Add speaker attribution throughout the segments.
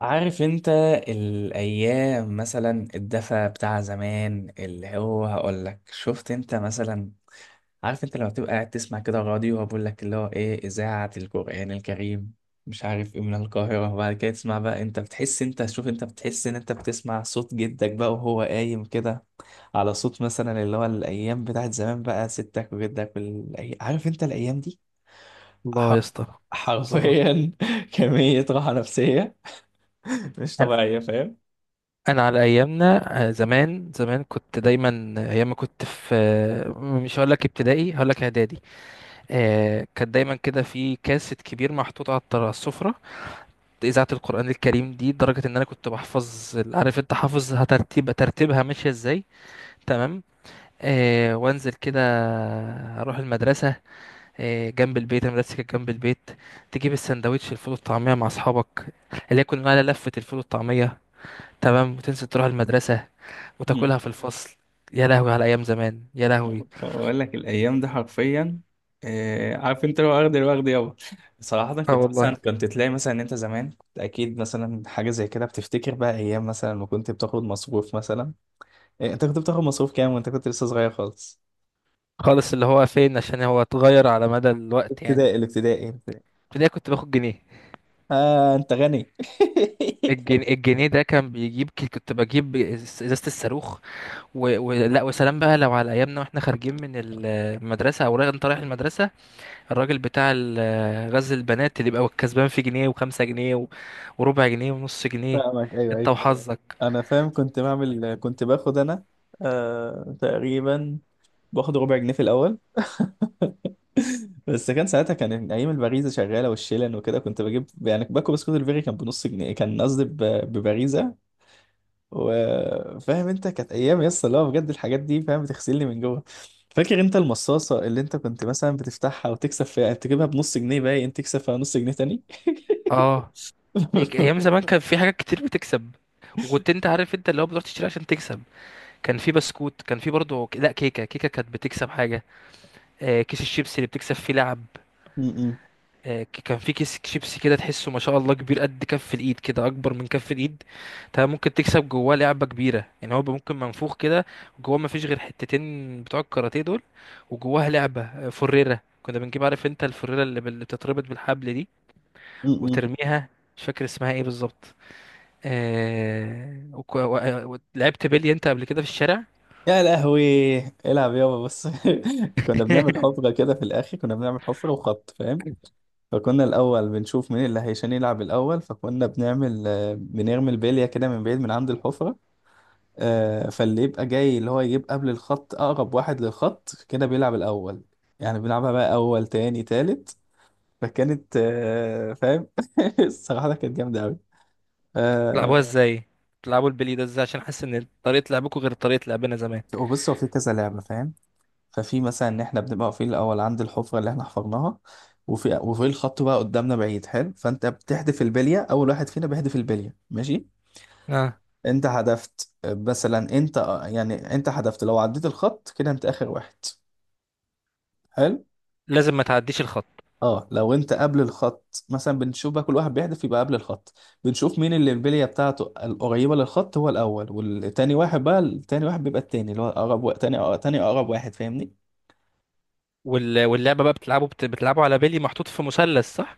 Speaker 1: عارف انت الايام مثلا الدفى بتاع زمان اللي هو هقول لك شفت انت مثلا. عارف انت لما بتبقى قاعد تسمع كده راديو وبقول لك اللي هو ايه اذاعة القرآن الكريم مش عارف ايه من القاهرة. وبعد كده تسمع بقى، انت بتحس، انت شوف، انت بتحس ان انت بتسمع صوت جدك بقى وهو قايم كده على صوت مثلا اللي هو الايام بتاعت زمان بقى، ستك وجدك عارف انت الايام دي.
Speaker 2: الله يا
Speaker 1: حر-
Speaker 2: اسطى. الله.
Speaker 1: حرفيا كمية راحة نفسية مش
Speaker 2: انا
Speaker 1: طبيعية فاهم.
Speaker 2: أنا على ايامنا. زمان زمان كنت دايما، ايام ما كنت في مش هقول لك ابتدائي، هقول لك اعدادي. كان دايما كده في كاسيت كبير محطوط على السفره. اذاعه القران الكريم دي، لدرجه ان انا كنت بحفظ عارف انت حافظ ترتيبها ماشيه ازاي؟ تمام. وانزل كده اروح المدرسه. جنب البيت، المدرسه كانت جنب البيت. تجيب السندوتش الفول والطعميه مع اصحابك، اللي هي كنا بنقول عليها لفه الفول والطعميه. تمام، وتنزل تروح المدرسة
Speaker 1: مم.
Speaker 2: وتاكلها في الفصل. يا لهوي على أيام زمان، يا لهوي.
Speaker 1: بقول لك الايام دي حرفيا. عارف انت لو واخد الوقت يابا. صراحه
Speaker 2: اه
Speaker 1: كنت مثلا،
Speaker 2: والله.
Speaker 1: كنت تلاقي مثلا ان انت زمان كنت اكيد مثلا حاجه زي كده بتفتكر بقى ايام مثلا ما كنت بتاخد مصروف مثلا. إيه، انت كنت بتاخد مصروف كام وانت كنت لسه صغير خالص؟
Speaker 2: خالص، اللي هو فين؟ عشان هو اتغير على مدى الوقت يعني.
Speaker 1: ابتدائي الابتدائي الابتدائي.
Speaker 2: ابتدائي كنت باخد جنيه.
Speaker 1: اه انت غني
Speaker 2: الجنيه ده كان بيجيب كنت بجيب ازازة الصاروخ. لا، وسلام بقى لو على ايامنا واحنا خارجين من المدرسة، او رايح انت رايح المدرسة. الراجل بتاع غزل البنات، اللي بيبقى كسبان في جنيه وخمسة جنيه وربع جنيه ونص جنيه.
Speaker 1: فاهمك، ايوه
Speaker 2: انت
Speaker 1: أيوه.
Speaker 2: وحظك.
Speaker 1: انا فاهم، كنت باخد انا. آه تقريبا، باخد ربع جنيه في الاول بس كان ساعتها، كان ايام الباريزا شغاله والشيلن وكده، كنت بجيب يعني باكو بسكوت الفيري، كان بنص جنيه. كان قصدي بباريزا. وفاهم انت كانت ايام يس اللي هو بجد الحاجات دي فاهم بتغسلني من جوه. فاكر انت المصاصه اللي انت كنت مثلا بتفتحها وتكسب فيها، تجيبها بنص جنيه باين تكسب فيها نص جنيه تاني.
Speaker 2: اه، ايام زمان كان في حاجات كتير بتكسب. وكنت، انت عارف انت اللي هو بتروح تشتري عشان تكسب. كان في بسكوت، كان في برضه، لا، كيكه كيكه كانت بتكسب حاجه. كيس الشيبسي اللي بتكسب فيه لعب.
Speaker 1: م- م-
Speaker 2: كان في كيس شيبسي كده، تحسه ما شاء الله كبير قد كف الايد، كده اكبر من كف الايد. تمام، ممكن تكسب جواه لعبه كبيره، يعني هو ممكن منفوخ كده. جواه ما فيش غير حتتين بتوع الكاراتيه دول. وجواها لعبه، فريره كنا بنجيب، عارف انت الفريره اللي بتتربط بالحبل دي
Speaker 1: م.
Speaker 2: وترميها. مش فاكر اسمها ايه بالظبط. لعبت بيلي انت قبل كده في الشارع؟
Speaker 1: يا لهوي العب يابا بص. كنا بنعمل حفرة كده في الآخر، كنا بنعمل حفرة وخط فاهم. فكنا الأول بنشوف مين اللي هيشان يلعب الأول، فكنا بنعمل، بنرمي البلية كده من بعيد من عند الحفرة. فاللي يبقى جاي اللي هو يجيب قبل الخط، أقرب واحد للخط كده بيلعب الأول. يعني بنلعبها بقى أول تاني تالت. فكانت، فاهم. الصراحة كانت جامدة أوي. آه،
Speaker 2: بتلعبوها ازاي؟ بتلعبوا البيلي ده ازاي؟ عشان حاسس ان طريقه لعبكم غير طريقه لعبنا زمان.
Speaker 1: وبص، هو في كذا لعبة فاهم. ففي مثلا ان احنا بنبقى واقفين الاول عند الحفره اللي احنا حفرناها. وفي الخط بقى قدامنا بعيد، حلو، فانت بتحدف البليه، اول واحد فينا بيحدف البليه ماشي.
Speaker 2: اه.
Speaker 1: انت حدفت، مثلا انت، يعني انت حدفت لو عديت الخط كده انت اخر واحد. حلو.
Speaker 2: لازم ما تعديش الخط.
Speaker 1: اه لو انت قبل الخط مثلا، بنشوف بقى كل واحد بيحدف يبقى قبل الخط. بنشوف مين اللي البليه بتاعته القريبه للخط، هو الاول، والتاني واحد بقى، التاني واحد بيبقى التاني اللي هو اقرب تاني اقرب واحد فاهمني.
Speaker 2: واللعبه بقى، بتلعبوا على بيلي محطوط في مثلث، صح؟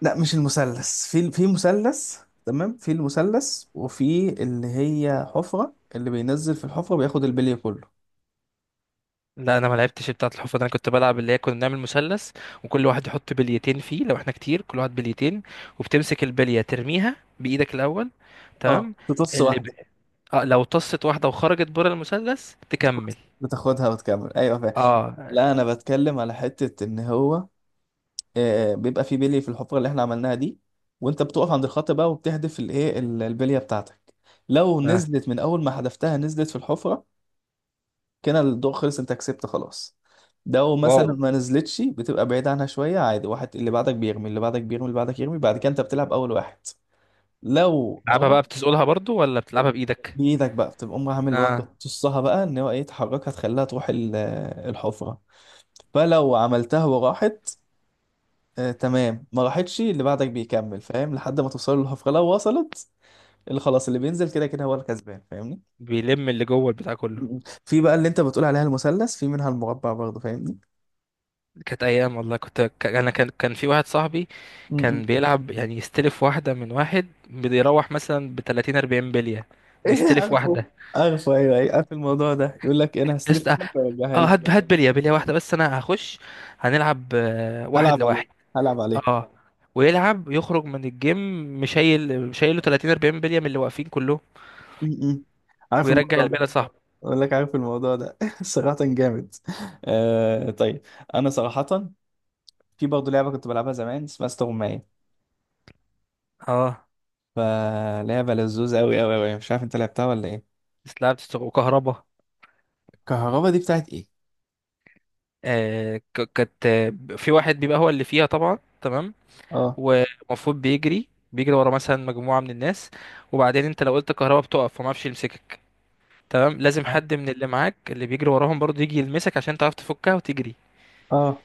Speaker 1: لا مش المثلث، في مثلث. تمام، في المثلث وفي اللي هي حفرة، اللي بينزل في الحفرة بياخد البلي كله.
Speaker 2: لا، انا ما لعبتش بتاعه الحفره ده. انا كنت بلعب، اللي هي كنا بنعمل مثلث، وكل واحد يحط بليتين فيه، لو احنا كتير كل واحد بليتين. وبتمسك البليه ترميها بايدك الاول.
Speaker 1: اه
Speaker 2: تمام.
Speaker 1: تطص
Speaker 2: اللي ب...
Speaker 1: واحدة.
Speaker 2: آه لو طست واحده وخرجت بره المثلث
Speaker 1: بتاخد-
Speaker 2: تكمل.
Speaker 1: بتاخدها وتكمل ايوه فاهم.
Speaker 2: اه.
Speaker 1: لا انا بتكلم على حتة ان هو بيبقى في بلي في الحفرة اللي احنا عملناها دي. وانت بتقف عند الخط بقى وبتحدف الايه البلية بتاعتك. لو
Speaker 2: اه،
Speaker 1: نزلت من اول ما حدفتها نزلت في الحفرة، كده الضوء خلص، انت كسبت خلاص. لو مثلا
Speaker 2: واو.
Speaker 1: ما نزلتش، بتبقى بعيد عنها شويه عادي، واحد اللي بعدك بيرمي، اللي بعدك بيرمي، اللي بعدك يرمي، بعد كده انت بتلعب اول واحد لو
Speaker 2: بتلعبها
Speaker 1: راح.
Speaker 2: بقى بتسقلها برضو، ولا بتلعبها بايدك؟
Speaker 1: بايدك بقى، بتبقى امها عامل بقى،
Speaker 2: اه.
Speaker 1: تقصها بقى ان هو ايه، تحركها تخليها تروح الحفره. فلو عملتها وراحت، آه تمام. ما راحتش، اللي بعدك بيكمل فاهم، لحد ما توصل للحفره. لو وصلت، اللي خلاص اللي بينزل كده كده هو الكسبان فاهمني.
Speaker 2: بيلم اللي جوه البتاع كله.
Speaker 1: م. في بقى اللي انت بتقول عليها المثلث، في منها المربع برضه فاهمني.
Speaker 2: كانت ايام والله، انا كان في واحد صاحبي.
Speaker 1: م-
Speaker 2: كان
Speaker 1: م.
Speaker 2: بيلعب يعني، يستلف واحده من واحد، بيروح مثلا ب 30 40 بليه،
Speaker 1: ايه
Speaker 2: مستلف
Speaker 1: عارفه.
Speaker 2: واحده.
Speaker 1: عارفه ايوه ايوه، عارف الموضوع ده، يقول لك انا هستلف
Speaker 2: اه.
Speaker 1: منك وارجعها لك.
Speaker 2: هات هات بليه، بليه واحده بس، انا هخش. هنلعب واحد
Speaker 1: هلعب عليه،
Speaker 2: لواحد.
Speaker 1: هلعب عليه.
Speaker 2: اه. ويلعب يخرج من الجيم. مشايله 30 40 بليه من اللي واقفين كلهم.
Speaker 1: م- م. عارف
Speaker 2: ويرجع
Speaker 1: الموضوع ده.
Speaker 2: البليه صاحبه.
Speaker 1: اقول لك عارف الموضوع ده صراحة جامد. آه طيب. انا صراحة في برضه لعبة كنت بلعبها زمان اسمها استغماية،
Speaker 2: اه.
Speaker 1: فلعبة لذوذة قوي قوي قوي. مش عارف انت لعبتها ولا ايه؟
Speaker 2: بس لعبت وكهربا.
Speaker 1: الكهربا دي بتاعت ايه؟
Speaker 2: كانت، في واحد بيبقى هو اللي فيها، طبعا تمام.
Speaker 1: اه.
Speaker 2: ومفروض بيجري ورا مثلا مجموعة من الناس. وبعدين انت لو قلت كهربا بتقف، فما اعرفش يمسكك. تمام، لازم حد من اللي معاك، اللي بيجري وراهم برضه، يجي يلمسك عشان تعرف تفكها وتجري.
Speaker 1: اه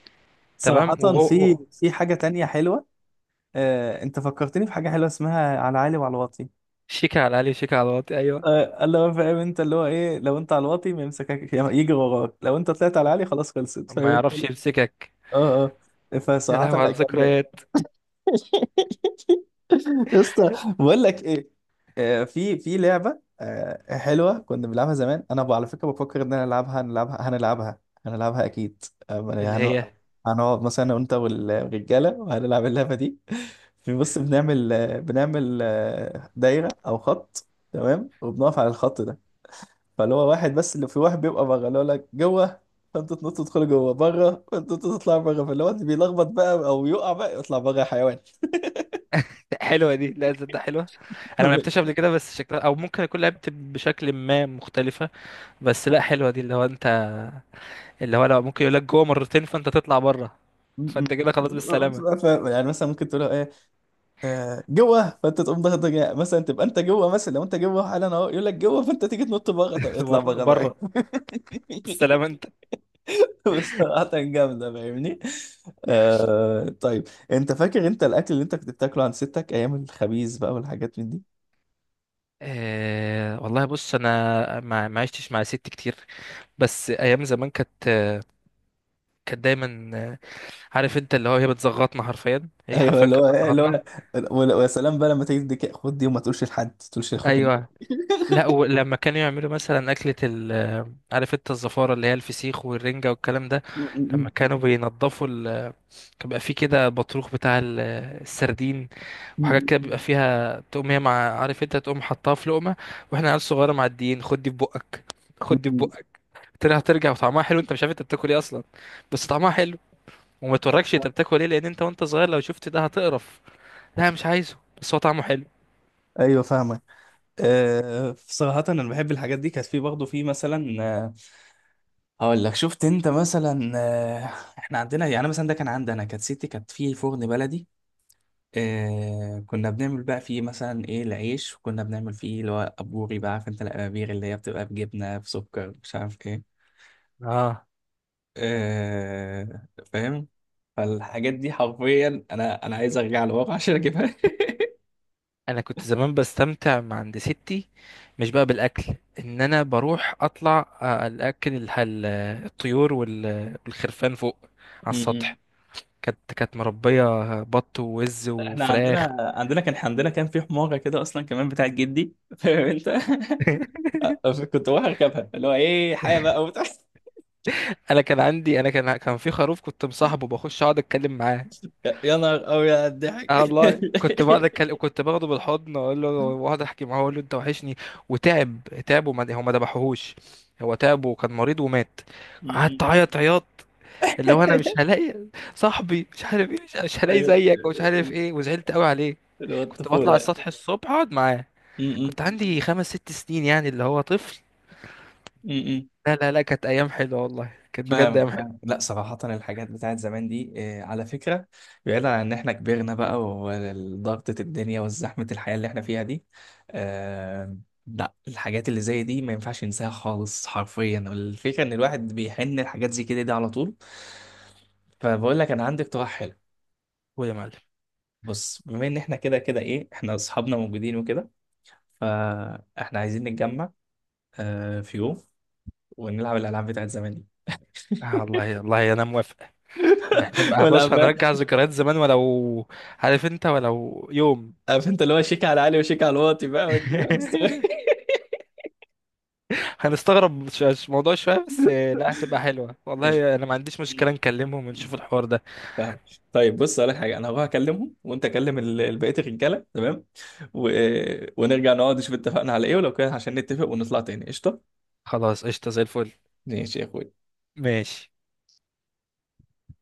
Speaker 1: صراحة
Speaker 2: تمام.
Speaker 1: في في حاجة تانية حلوة. انت فكرتني في حاجة حلوة اسمها على عالي وعلى واطي.
Speaker 2: شيكة على العالي، وشيكة على الواطي، ايوه.
Speaker 1: اللي هو فاهم انت اللي هو ايه، لو انت على الواطي ما يمسكك، يجري وراك، لو انت طلعت على العالي خلاص خلصت فاهم
Speaker 2: ما
Speaker 1: انت.
Speaker 2: يعرفش يمسكك.
Speaker 1: اه. اه
Speaker 2: يا
Speaker 1: فصراحة
Speaker 2: لهوي
Speaker 1: لا
Speaker 2: على
Speaker 1: جامدة.
Speaker 2: الذكريات.
Speaker 1: يا اسطى، بقول لك ايه. في في لعبة، حلوة كنا بنلعبها زمان، انا على فكرة بفكر ان انا العبها، هنلعبها اكيد.
Speaker 2: اللي
Speaker 1: يعني
Speaker 2: هي
Speaker 1: هنقعد مثلا انا وانت والرجالة وهنلعب اللعبة دي. في بص بنعمل دايرة او خط. تمام وبنقف على الخط ده. فاللي هو واحد بس، اللي في واحد بيبقى بره، اللي هو لك جوه. فانتوا تنطوا تدخلوا جوه بره، فانتوا تطلعوا بره، فاللي هو اللي بيلخبط بقى او يقع بقى يطلع بره يا حيوان.
Speaker 2: حلوة دي. لا، ده حلوة. انا ما
Speaker 1: م-
Speaker 2: لعبتهاش قبل كده، بس شكلها، او ممكن اكون لعبت بشكل ما مختلفة. بس لا، حلوة دي، اللي هو انت، اللي هو لو ممكن يقول لك جوه مرتين فانت تطلع بره.
Speaker 1: م.
Speaker 2: فانت كده خلاص، بالسلامه.
Speaker 1: يعني مثلا ممكن تقول له ايه؟ جوه، فانت تقوم ضغط، مثلا تبقى انت جوه، مثلا لو انت جوه حالا اهو يقول لك جوه فانت تيجي تنط بره، طب اطلع
Speaker 2: بره
Speaker 1: بره
Speaker 2: بره.
Speaker 1: بقى.
Speaker 2: بالسلامه انت.
Speaker 1: بصراحة جامدة فاهمني. آه طيب. انت فاكر انت الاكل اللي انت كنت بتاكله عند ستك ايام الخبيز بقى والحاجات من دي.
Speaker 2: أه والله، بص انا ما عشتش مع ست كتير. بس ايام زمان كانت دايما، عارف انت اللي هو، هي بتزغطنا حرفيا، هي
Speaker 1: ايوه
Speaker 2: حرفيا
Speaker 1: اللي هو
Speaker 2: كانت
Speaker 1: اللي هو
Speaker 2: بتزغطنا.
Speaker 1: ويا سلام بقى لما تيجي تديك خد دي وما تقولش لحد، ما تقولش لاخوك
Speaker 2: ايوه. لا، ولما كانوا يعملوا مثلا اكله ال آه، عارف انت الزفاره، اللي هي الفسيخ والرنجه والكلام ده. لما كانوا بينضفوا كان بيبقى فيه كده بطروخ بتاع السردين. وحاجات كده بيبقى فيها، تقوم هي مع، عارف انت، تقوم حطها في لقمه. واحنا عيال صغيره معديين، خد دي في بقك، خد دي في بقك. ترى هترجع، وطعمها حلو، انت مش عارف انت بتاكل ايه اصلا، بس طعمها حلو. وما توركش انت بتاكل ايه، لان انت وانت صغير لو شفت ده هتقرف. لا مش عايزه، بس هو طعمه حلو.
Speaker 1: ايوه فاهمك. أه صراحة انا بحب الحاجات دي. كانت في برضه، في مثلا، هقول لك شفت انت مثلا، احنا عندنا يعني مثلا، ده كان عندي انا، كانت ستي كانت في فرن بلدي. أه كنا بنعمل بقى فيه مثلا ايه، العيش، وكنا بنعمل فيه اللي هو ابوري بقى، عارف انت الابابير اللي هي بتبقى بجبنة بسكر مش عارف إيه.
Speaker 2: اه،
Speaker 1: آه فاهم. فالحاجات دي حرفيا، انا عايز ارجع لورا عشان اجيبها
Speaker 2: انا كنت زمان بستمتع مع عند ستي، مش بقى بالاكل. ان انا بروح اطلع الطيور والخرفان فوق على
Speaker 1: م-م.
Speaker 2: السطح. كانت مربيه بط ووز
Speaker 1: احنا
Speaker 2: وفراخ.
Speaker 1: عندنا كان عندنا، كان في حماره كده اصلا كمان بتاعت جدي فاهم انت كنت بروح اركبها اللي هو ايه حاجه بقى وبتاع
Speaker 2: انا كان عندي انا كان كان في خروف كنت مصاحبه، بخش اقعد اتكلم معاه.
Speaker 1: يا نهار أوي على
Speaker 2: اه
Speaker 1: الضحك.
Speaker 2: والله، كنت بقعد اتكلم، كنت باخده بالحضن، اقول له، واقعد احكي معاه، اقول له انت وحشني. وتعب تعب، وما هو ما ذبحوهوش. هو تعب وكان مريض ومات.
Speaker 1: م-م.
Speaker 2: قعدت اعيط عياط. اللي هو انا مش هلاقي صاحبي، مش عارف ايه، مش هلاقي زيك، ومش عارف ايه، وزعلت قوي عليه.
Speaker 1: اللي هو
Speaker 2: كنت بطلع
Speaker 1: الطفوله.
Speaker 2: السطح الصبح اقعد معاه.
Speaker 1: م-م.
Speaker 2: كنت عندي خمس ست سنين يعني، اللي هو طفل.
Speaker 1: م-م.
Speaker 2: لا لا لا، كانت ايام حلوه والله، كانت بجد
Speaker 1: فاهم
Speaker 2: ايام حلوه.
Speaker 1: فاهم. لا صراحة الحاجات بتاعت زمان دي، على فكرة بعيدا عن ان احنا كبرنا بقى وضغطة الدنيا وزحمة الحياة اللي احنا فيها دي، آه، لا الحاجات اللي زي دي ما ينفعش ينساها خالص حرفيا. الفكرة ان الواحد بيحن الحاجات زي كده دي على طول. فبقول لك انا عندي اقتراح حلو.
Speaker 2: ويا معلم.
Speaker 1: بص، بما ان احنا كده كده ايه، احنا اصحابنا موجودين وكده، فاحنا عايزين نتجمع في يوم ونلعب الالعاب بتاعت زمان دي.
Speaker 2: آه والله، والله انا موافق. ده هنبقى، بص
Speaker 1: والعب.
Speaker 2: هنرجع ذكريات زمان، ولو عارف انت، ولو يوم.
Speaker 1: عارف انت اللي هو شيك على علي وشيك على الواطي بقى والدنيا مستوية.
Speaker 2: هنستغرب موضوع شوية، بس لا هتبقى حلوة
Speaker 1: قشطة.
Speaker 2: والله، انا ما عنديش مشكلة نكلمهم ونشوف الحوار ده.
Speaker 1: فاهم. طيب بص اقول لك حاجه، انا هروح اكلمهم وانت كلم بقيه الرجاله تمام. و... ونرجع نقعد نشوف اتفقنا على ايه ولو كده، عشان نتفق ونطلع تاني. قشطه.
Speaker 2: خلاص، قشطة زي الفل.
Speaker 1: ماشي يا اخوي.
Speaker 2: ماشي.